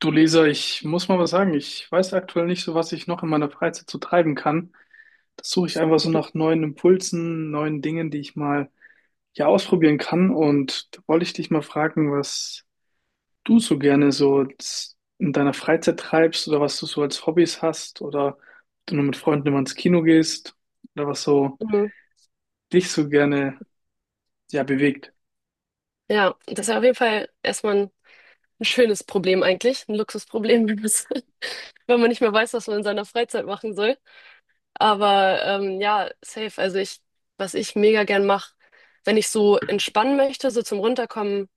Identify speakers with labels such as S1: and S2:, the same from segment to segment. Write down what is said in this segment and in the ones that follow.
S1: Du Leser, ich muss mal was sagen. Ich weiß aktuell nicht so, was ich noch in meiner Freizeit so treiben kann. Das suche ich einfach so nach neuen Impulsen, neuen Dingen, die ich mal ja ausprobieren kann. Und da wollte ich dich mal fragen, was du so gerne in deiner Freizeit treibst oder was du so als Hobbys hast oder ob du nur mit Freunden immer ins Kino gehst oder was so
S2: Mhm.
S1: dich so gerne ja bewegt.
S2: Ja, das ist ja auf jeden Fall erstmal ein schönes Problem eigentlich, ein Luxusproblem, wenn man es wenn man nicht mehr weiß, was man in seiner Freizeit machen soll. Aber ja, safe. Also ich, was ich mega gern mache, wenn ich so entspannen möchte, so zum Runterkommen,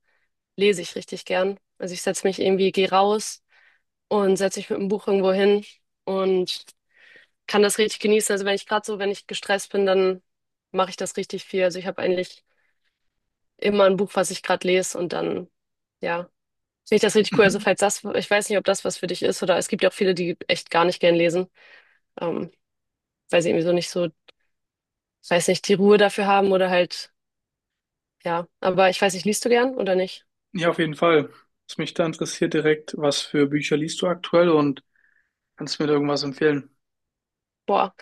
S2: lese ich richtig gern. Also ich setze mich irgendwie, gehe raus und setze mich mit dem Buch irgendwo hin und kann das richtig genießen. Also wenn ich gerade so, wenn ich gestresst bin, dann mache ich das richtig viel. Also ich habe eigentlich immer ein Buch, was ich gerade lese und dann, ja. Finde ich das richtig cool. Also
S1: Mhm.
S2: falls das, ich weiß nicht, ob das was für dich ist, oder es gibt ja auch viele, die echt gar nicht gern lesen. Ähm, Weil sie irgendwie so nicht so, weiß nicht, die Ruhe dafür haben oder halt, ja. Aber ich weiß nicht, liest du gern oder nicht?
S1: Ja, auf jeden Fall. Was mich da interessiert direkt, was für Bücher liest du aktuell und kannst du mir da irgendwas empfehlen?
S2: Boah.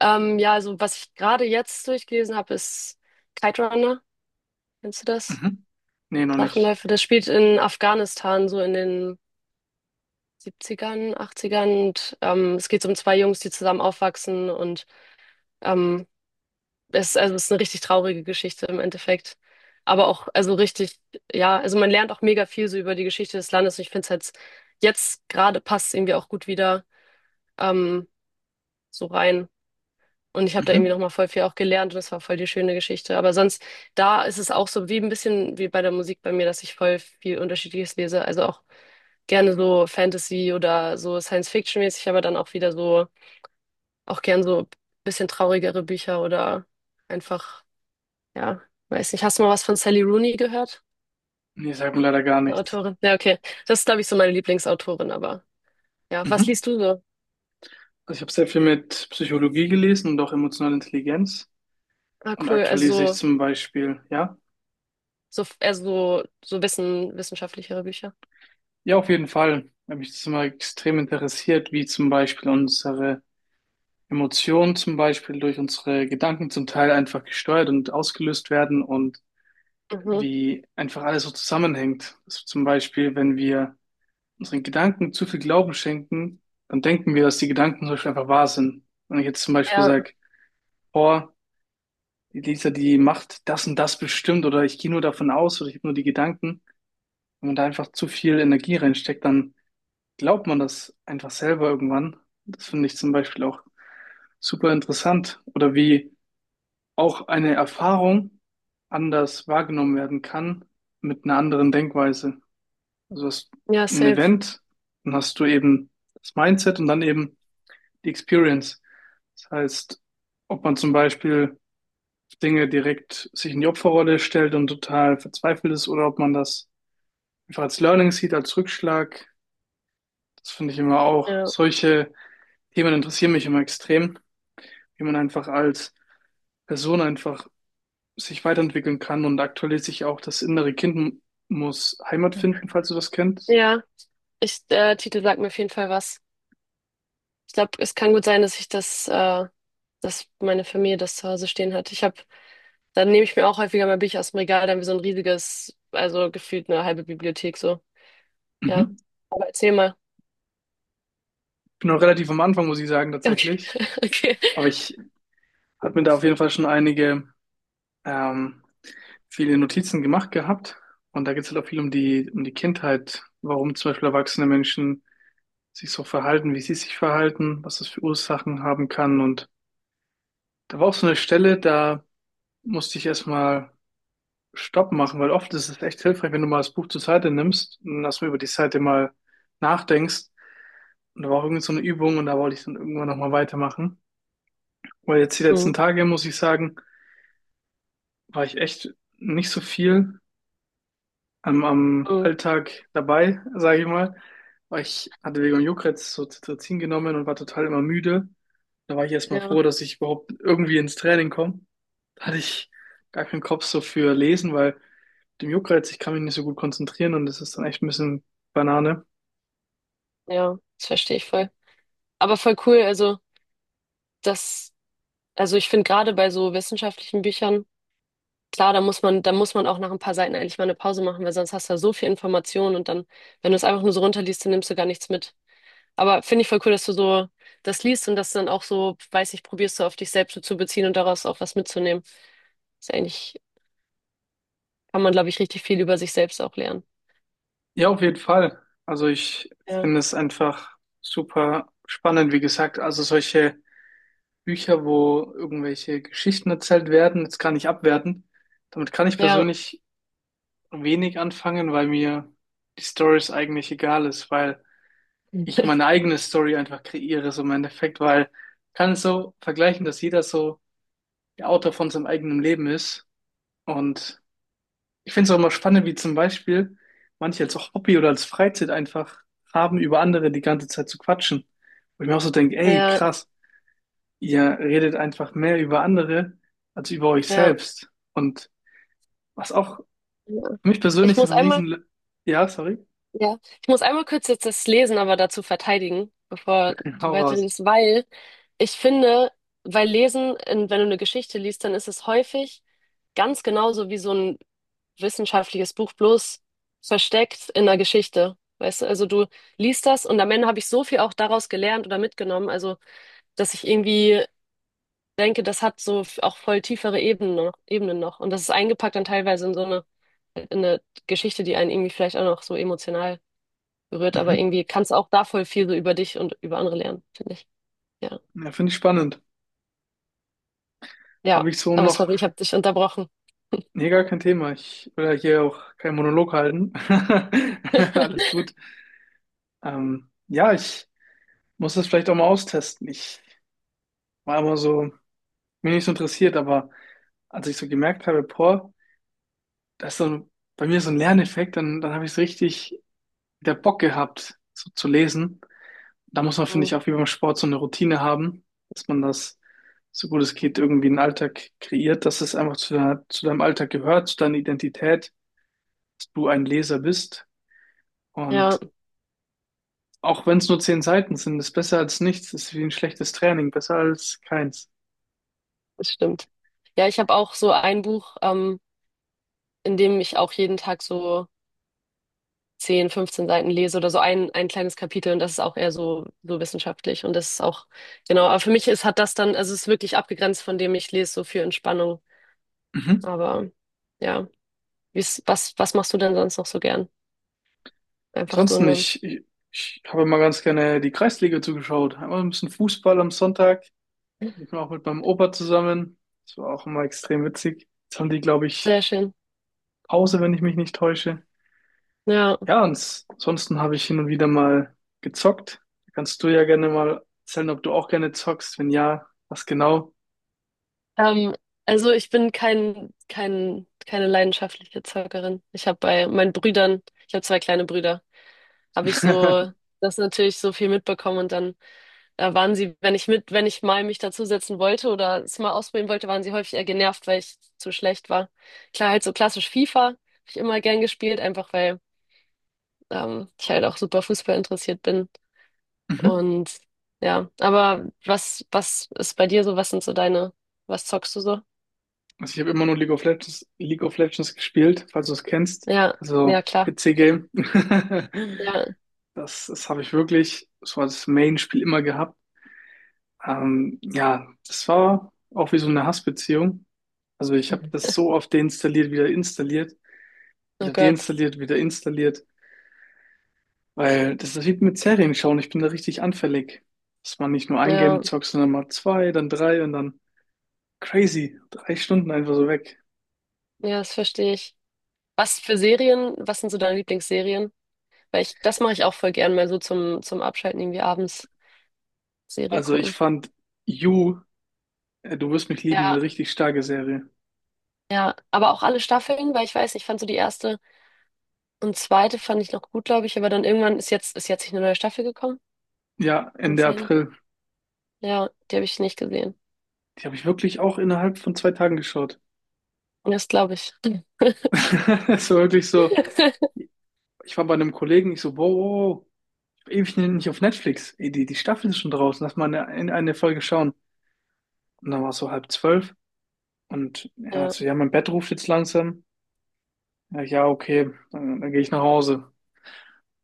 S2: Ja, also was ich gerade jetzt durchgelesen habe, ist Kite Runner. Kennst du das?
S1: Mhm. Nee, noch nicht.
S2: Drachenläufe. Das spielt in Afghanistan, so in den 70ern, 80ern. Und es geht so um zwei Jungs, die zusammen aufwachsen. Und ähm, es, also es ist eine richtig traurige Geschichte im Endeffekt. Aber auch, also richtig, ja, also man lernt auch mega viel so über die Geschichte des Landes. Und ich finde es jetzt, jetzt gerade passt es irgendwie auch gut wieder ähm, so rein. Und ich habe da irgendwie
S1: Mhm.
S2: nochmal voll viel auch gelernt und es war voll die schöne Geschichte. Aber sonst, da ist es auch so wie ein bisschen wie bei der Musik bei mir, dass ich voll viel Unterschiedliches lese. Also auch gerne so Fantasy oder so Science-Fiction-mäßig, aber dann auch wieder so, auch gern so ein bisschen traurigere Bücher oder einfach, ja, weiß nicht. Hast du mal was von Sally Rooney gehört?
S1: Nee, sagt mir leider gar
S2: Eine
S1: nichts.
S2: Autorin? Ja, okay. Das ist, glaube ich, so meine Lieblingsautorin, aber ja, was
S1: Mhm.
S2: liest du so?
S1: Also ich habe sehr viel mit Psychologie gelesen und auch emotionale Intelligenz.
S2: Ah,
S1: Und
S2: cool.
S1: aktuell lese ich
S2: Also
S1: zum Beispiel, ja,
S2: so, so eher so, so wissen, wissenschaftlichere Bücher.
S1: ja, auf jeden Fall, weil mich das immer extrem interessiert, wie zum Beispiel unsere Emotionen zum Beispiel durch unsere Gedanken zum Teil einfach gesteuert und ausgelöst werden und
S2: Mhm.
S1: wie einfach alles so zusammenhängt. Also zum Beispiel, wenn wir unseren Gedanken zu viel Glauben schenken, dann denken wir, dass die Gedanken zum Beispiel einfach wahr sind. Wenn ich jetzt zum Beispiel
S2: Ja,
S1: sage, oh Lisa, die macht das und das bestimmt, oder ich gehe nur davon aus oder ich habe nur die Gedanken, wenn man da einfach zu viel Energie reinsteckt, dann glaubt man das einfach selber irgendwann. Das finde ich zum Beispiel auch super interessant. Oder wie auch eine Erfahrung anders wahrgenommen werden kann mit einer anderen Denkweise. Also du hast
S2: ja,
S1: ein
S2: safe.
S1: Event, dann hast du eben das Mindset und dann eben die Experience. Das heißt, ob man zum Beispiel Dinge direkt sich in die Opferrolle stellt und total verzweifelt ist, oder ob man das einfach als Learning sieht, als Rückschlag. Das finde ich immer auch.
S2: Ja,
S1: Solche Themen interessieren mich immer extrem, wie man einfach als Person einfach sich weiterentwickeln kann und aktuell sich auch das innere Kind muss Heimat finden, falls du das kennst.
S2: ja. Ich, der Titel sagt mir auf jeden Fall was. Ich glaube, es kann gut sein, dass ich das, dass meine Familie das zu Hause stehen hat. Ich habe, dann nehme ich mir auch häufiger mal Bücher aus dem Regal, dann wie so ein riesiges, also gefühlt eine halbe Bibliothek so. Ja.
S1: Mhm.
S2: Aber erzähl mal.
S1: Ich bin noch relativ am Anfang, muss ich sagen,
S2: Okay,
S1: tatsächlich.
S2: okay.
S1: Aber ich habe mir da auf jeden Fall schon einige ähm, viele Notizen gemacht gehabt und da geht es halt auch viel um die Kindheit, warum zum Beispiel erwachsene Menschen sich so verhalten, wie sie sich verhalten, was das für Ursachen haben kann. Und da war auch so eine Stelle, da musste ich erstmal Stopp machen, weil oft ist es echt hilfreich, wenn du mal das Buch zur Seite nimmst und erstmal über die Seite mal nachdenkst. Und da war auch irgendwie so eine Übung und da wollte ich dann irgendwann nochmal weitermachen. Weil jetzt die letzten
S2: Mhm.
S1: Tage, muss ich sagen, war ich echt nicht so viel am
S2: Mhm.
S1: Alltag dabei, sage ich mal. Weil ich hatte wegen dem Juckreiz so Cetirizin genommen und war total immer müde. Da war ich erstmal
S2: Ja,
S1: froh, dass ich überhaupt irgendwie ins Training komme. Da hatte ich gar keinen Kopf so für Lesen, weil mit dem Juckreiz, ich kann mich nicht so gut konzentrieren und das ist dann echt ein bisschen Banane.
S2: ja, das verstehe ich voll. Aber voll cool, also das, also ich finde gerade bei so wissenschaftlichen Büchern. Klar, da muss man auch nach ein paar Seiten eigentlich mal eine Pause machen, weil sonst hast du ja so viel Information und dann, wenn du es einfach nur so runterliest, dann nimmst du gar nichts mit. Aber finde ich voll cool, dass du so das liest und das dann auch so, weiß ich, probierst du auf dich selbst so zu beziehen und daraus auch was mitzunehmen. Ist eigentlich, kann man, glaube ich, richtig viel über sich selbst auch lernen.
S1: Ja, auf jeden Fall. Also ich
S2: Ja,
S1: finde es einfach super spannend, wie gesagt. Also solche Bücher, wo irgendwelche Geschichten erzählt werden, jetzt gar nicht abwerten. Damit kann ich
S2: ja,
S1: persönlich wenig anfangen, weil mir die Stories eigentlich egal ist, weil ich meine eigene Story einfach kreiere, so im Endeffekt, weil ich kann es so vergleichen, dass jeder so der Autor von seinem eigenen Leben ist. Und ich finde es auch immer spannend, wie zum Beispiel manche als auch Hobby oder als Freizeit einfach haben, über andere die ganze Zeit zu quatschen. Wo ich mir auch so denke, ey,
S2: ja,
S1: krass, ihr redet einfach mehr über andere als über euch
S2: ja.
S1: selbst. Und was auch
S2: Ja.
S1: für mich
S2: Ich
S1: persönlich so
S2: muss
S1: ein
S2: einmal.
S1: Riesen... Ja, sorry,
S2: Ja, ich muss einmal kurz jetzt das Lesen aber dazu verteidigen, bevor du
S1: hau raus.
S2: weiterliest, weil ich finde, weil Lesen, wenn du eine Geschichte liest, dann ist es häufig ganz genauso wie so ein wissenschaftliches Buch, bloß versteckt in einer Geschichte. Weißt du, also du liest das und am Ende habe ich so viel auch daraus gelernt oder mitgenommen, also dass ich irgendwie denke, das hat so auch voll tiefere Ebenen noch, Ebenen noch. Und das ist eingepackt dann teilweise in so eine, in eine Geschichte, die einen irgendwie vielleicht auch noch so emotional berührt, aber
S1: Mhm.
S2: irgendwie kannst du auch da voll viel so über dich und über andere lernen, finde ich. Ja.
S1: Ja, finde ich spannend.
S2: Ja,
S1: Habe ich so
S2: aber
S1: noch,
S2: sorry, ich habe dich unterbrochen.
S1: nee, gar kein Thema. Ich will ja hier auch keinen Monolog halten. Alles gut. Ja, ich muss das vielleicht auch mal austesten. Ich war immer so, mir nicht so interessiert, aber als ich so gemerkt habe, boah, das ist so ein, bei mir so ein Lerneffekt, dann habe ich es richtig wieder Bock gehabt, so zu lesen. Da muss man, finde ich,
S2: Mhm.
S1: auch wie beim Sport so eine Routine haben, dass man das, so gut es geht, irgendwie einen Alltag kreiert, dass es einfach zu deinem Alltag gehört, zu deiner Identität, dass du ein Leser bist.
S2: Ja,
S1: Und auch wenn es nur 10 Seiten sind, ist besser als nichts, ist wie ein schlechtes Training, besser als keins.
S2: das stimmt. Ja, ich habe auch so ein Buch, in dem ich auch jeden Tag so 10, 15 Seiten lese oder so ein kleines Kapitel und das ist auch eher so, so wissenschaftlich und das ist auch, genau, aber für mich ist, hat das dann, also es ist wirklich abgegrenzt von dem ich lese, so für Entspannung.
S1: Mhm.
S2: Aber ja, wie's, was, was machst du denn sonst noch so gern? Einfach so
S1: Ansonsten,
S2: eine,
S1: ich habe immer ganz gerne die Kreisliga zugeschaut. Einmal ein bisschen Fußball am Sonntag. Ich war auch mit meinem Opa zusammen. Das war auch immer extrem witzig. Jetzt haben die, glaube ich,
S2: sehr schön.
S1: Pause, wenn ich mich nicht täusche.
S2: Ja.
S1: Ja, und ansonsten habe ich hin und wieder mal gezockt. Kannst du ja gerne mal erzählen, ob du auch gerne zockst. Wenn ja, was genau?
S2: Ähm, also ich bin kein, kein, keine leidenschaftliche Zockerin. Ich habe bei meinen Brüdern, ich habe zwei kleine Brüder, habe ich so das natürlich so viel mitbekommen und dann waren sie, wenn ich mit, wenn ich mal mich dazusetzen wollte oder es mal ausprobieren wollte, waren sie häufig eher genervt, weil ich zu schlecht war. Klar, halt so klassisch FIFA habe ich immer gern gespielt, einfach weil ich halt auch super Fußball interessiert bin.
S1: Mhm.
S2: Und ja, aber was, was ist bei dir so? Was sind so deine, was zockst du so?
S1: Also ich habe immer nur League of Legends gespielt, falls du es kennst.
S2: Ja,
S1: Also
S2: ja, klar.
S1: PC-Game.
S2: Ja.
S1: Das habe ich wirklich so als Main-Spiel immer gehabt. Ja, das war auch wie so eine Hassbeziehung. Also ich habe das so oft deinstalliert, wieder installiert,
S2: Oh
S1: wieder
S2: Gott.
S1: deinstalliert, wieder installiert, weil das ist wie mit Serien schauen. Ich bin da richtig anfällig, dass man nicht nur ein Game
S2: Ja,
S1: zockt, sondern mal zwei, dann drei und dann crazy, 3 Stunden einfach so weg.
S2: ja, das verstehe ich. Was für Serien, was sind so deine Lieblingsserien? Weil ich, das mache ich auch voll gern mal so zum, zum Abschalten irgendwie abends Serie
S1: Also ich
S2: gucken.
S1: fand You Du wirst mich lieben,
S2: Ja,
S1: eine richtig starke Serie.
S2: ja. Aber auch alle Staffeln, weil ich weiß, ich fand so die erste und zweite fand ich noch gut, glaube ich, aber dann irgendwann ist jetzt nicht eine neue Staffel gekommen.
S1: Ja,
S2: Kann das
S1: Ende
S2: sein?
S1: April.
S2: Ja, die habe ich nicht gesehen.
S1: Die habe ich wirklich auch innerhalb von 2 Tagen geschaut.
S2: Das glaube ich.
S1: Es war wirklich so, ich war bei einem Kollegen, ich so, wow, wow, wow, ich war ewig nicht auf Netflix. Ey, die die Staffel ist schon draußen, lass mal eine Folge schauen. Und dann war es so halb zwölf und er hat
S2: Ja,
S1: so, ja, mein Bett ruft jetzt langsam. Ja, ja, okay, dann gehe ich nach Hause.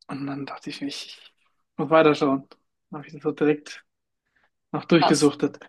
S1: Und dann dachte ich, ich muss weiterschauen. Dann habe ich das so direkt noch
S2: krass.
S1: durchgesuchtet.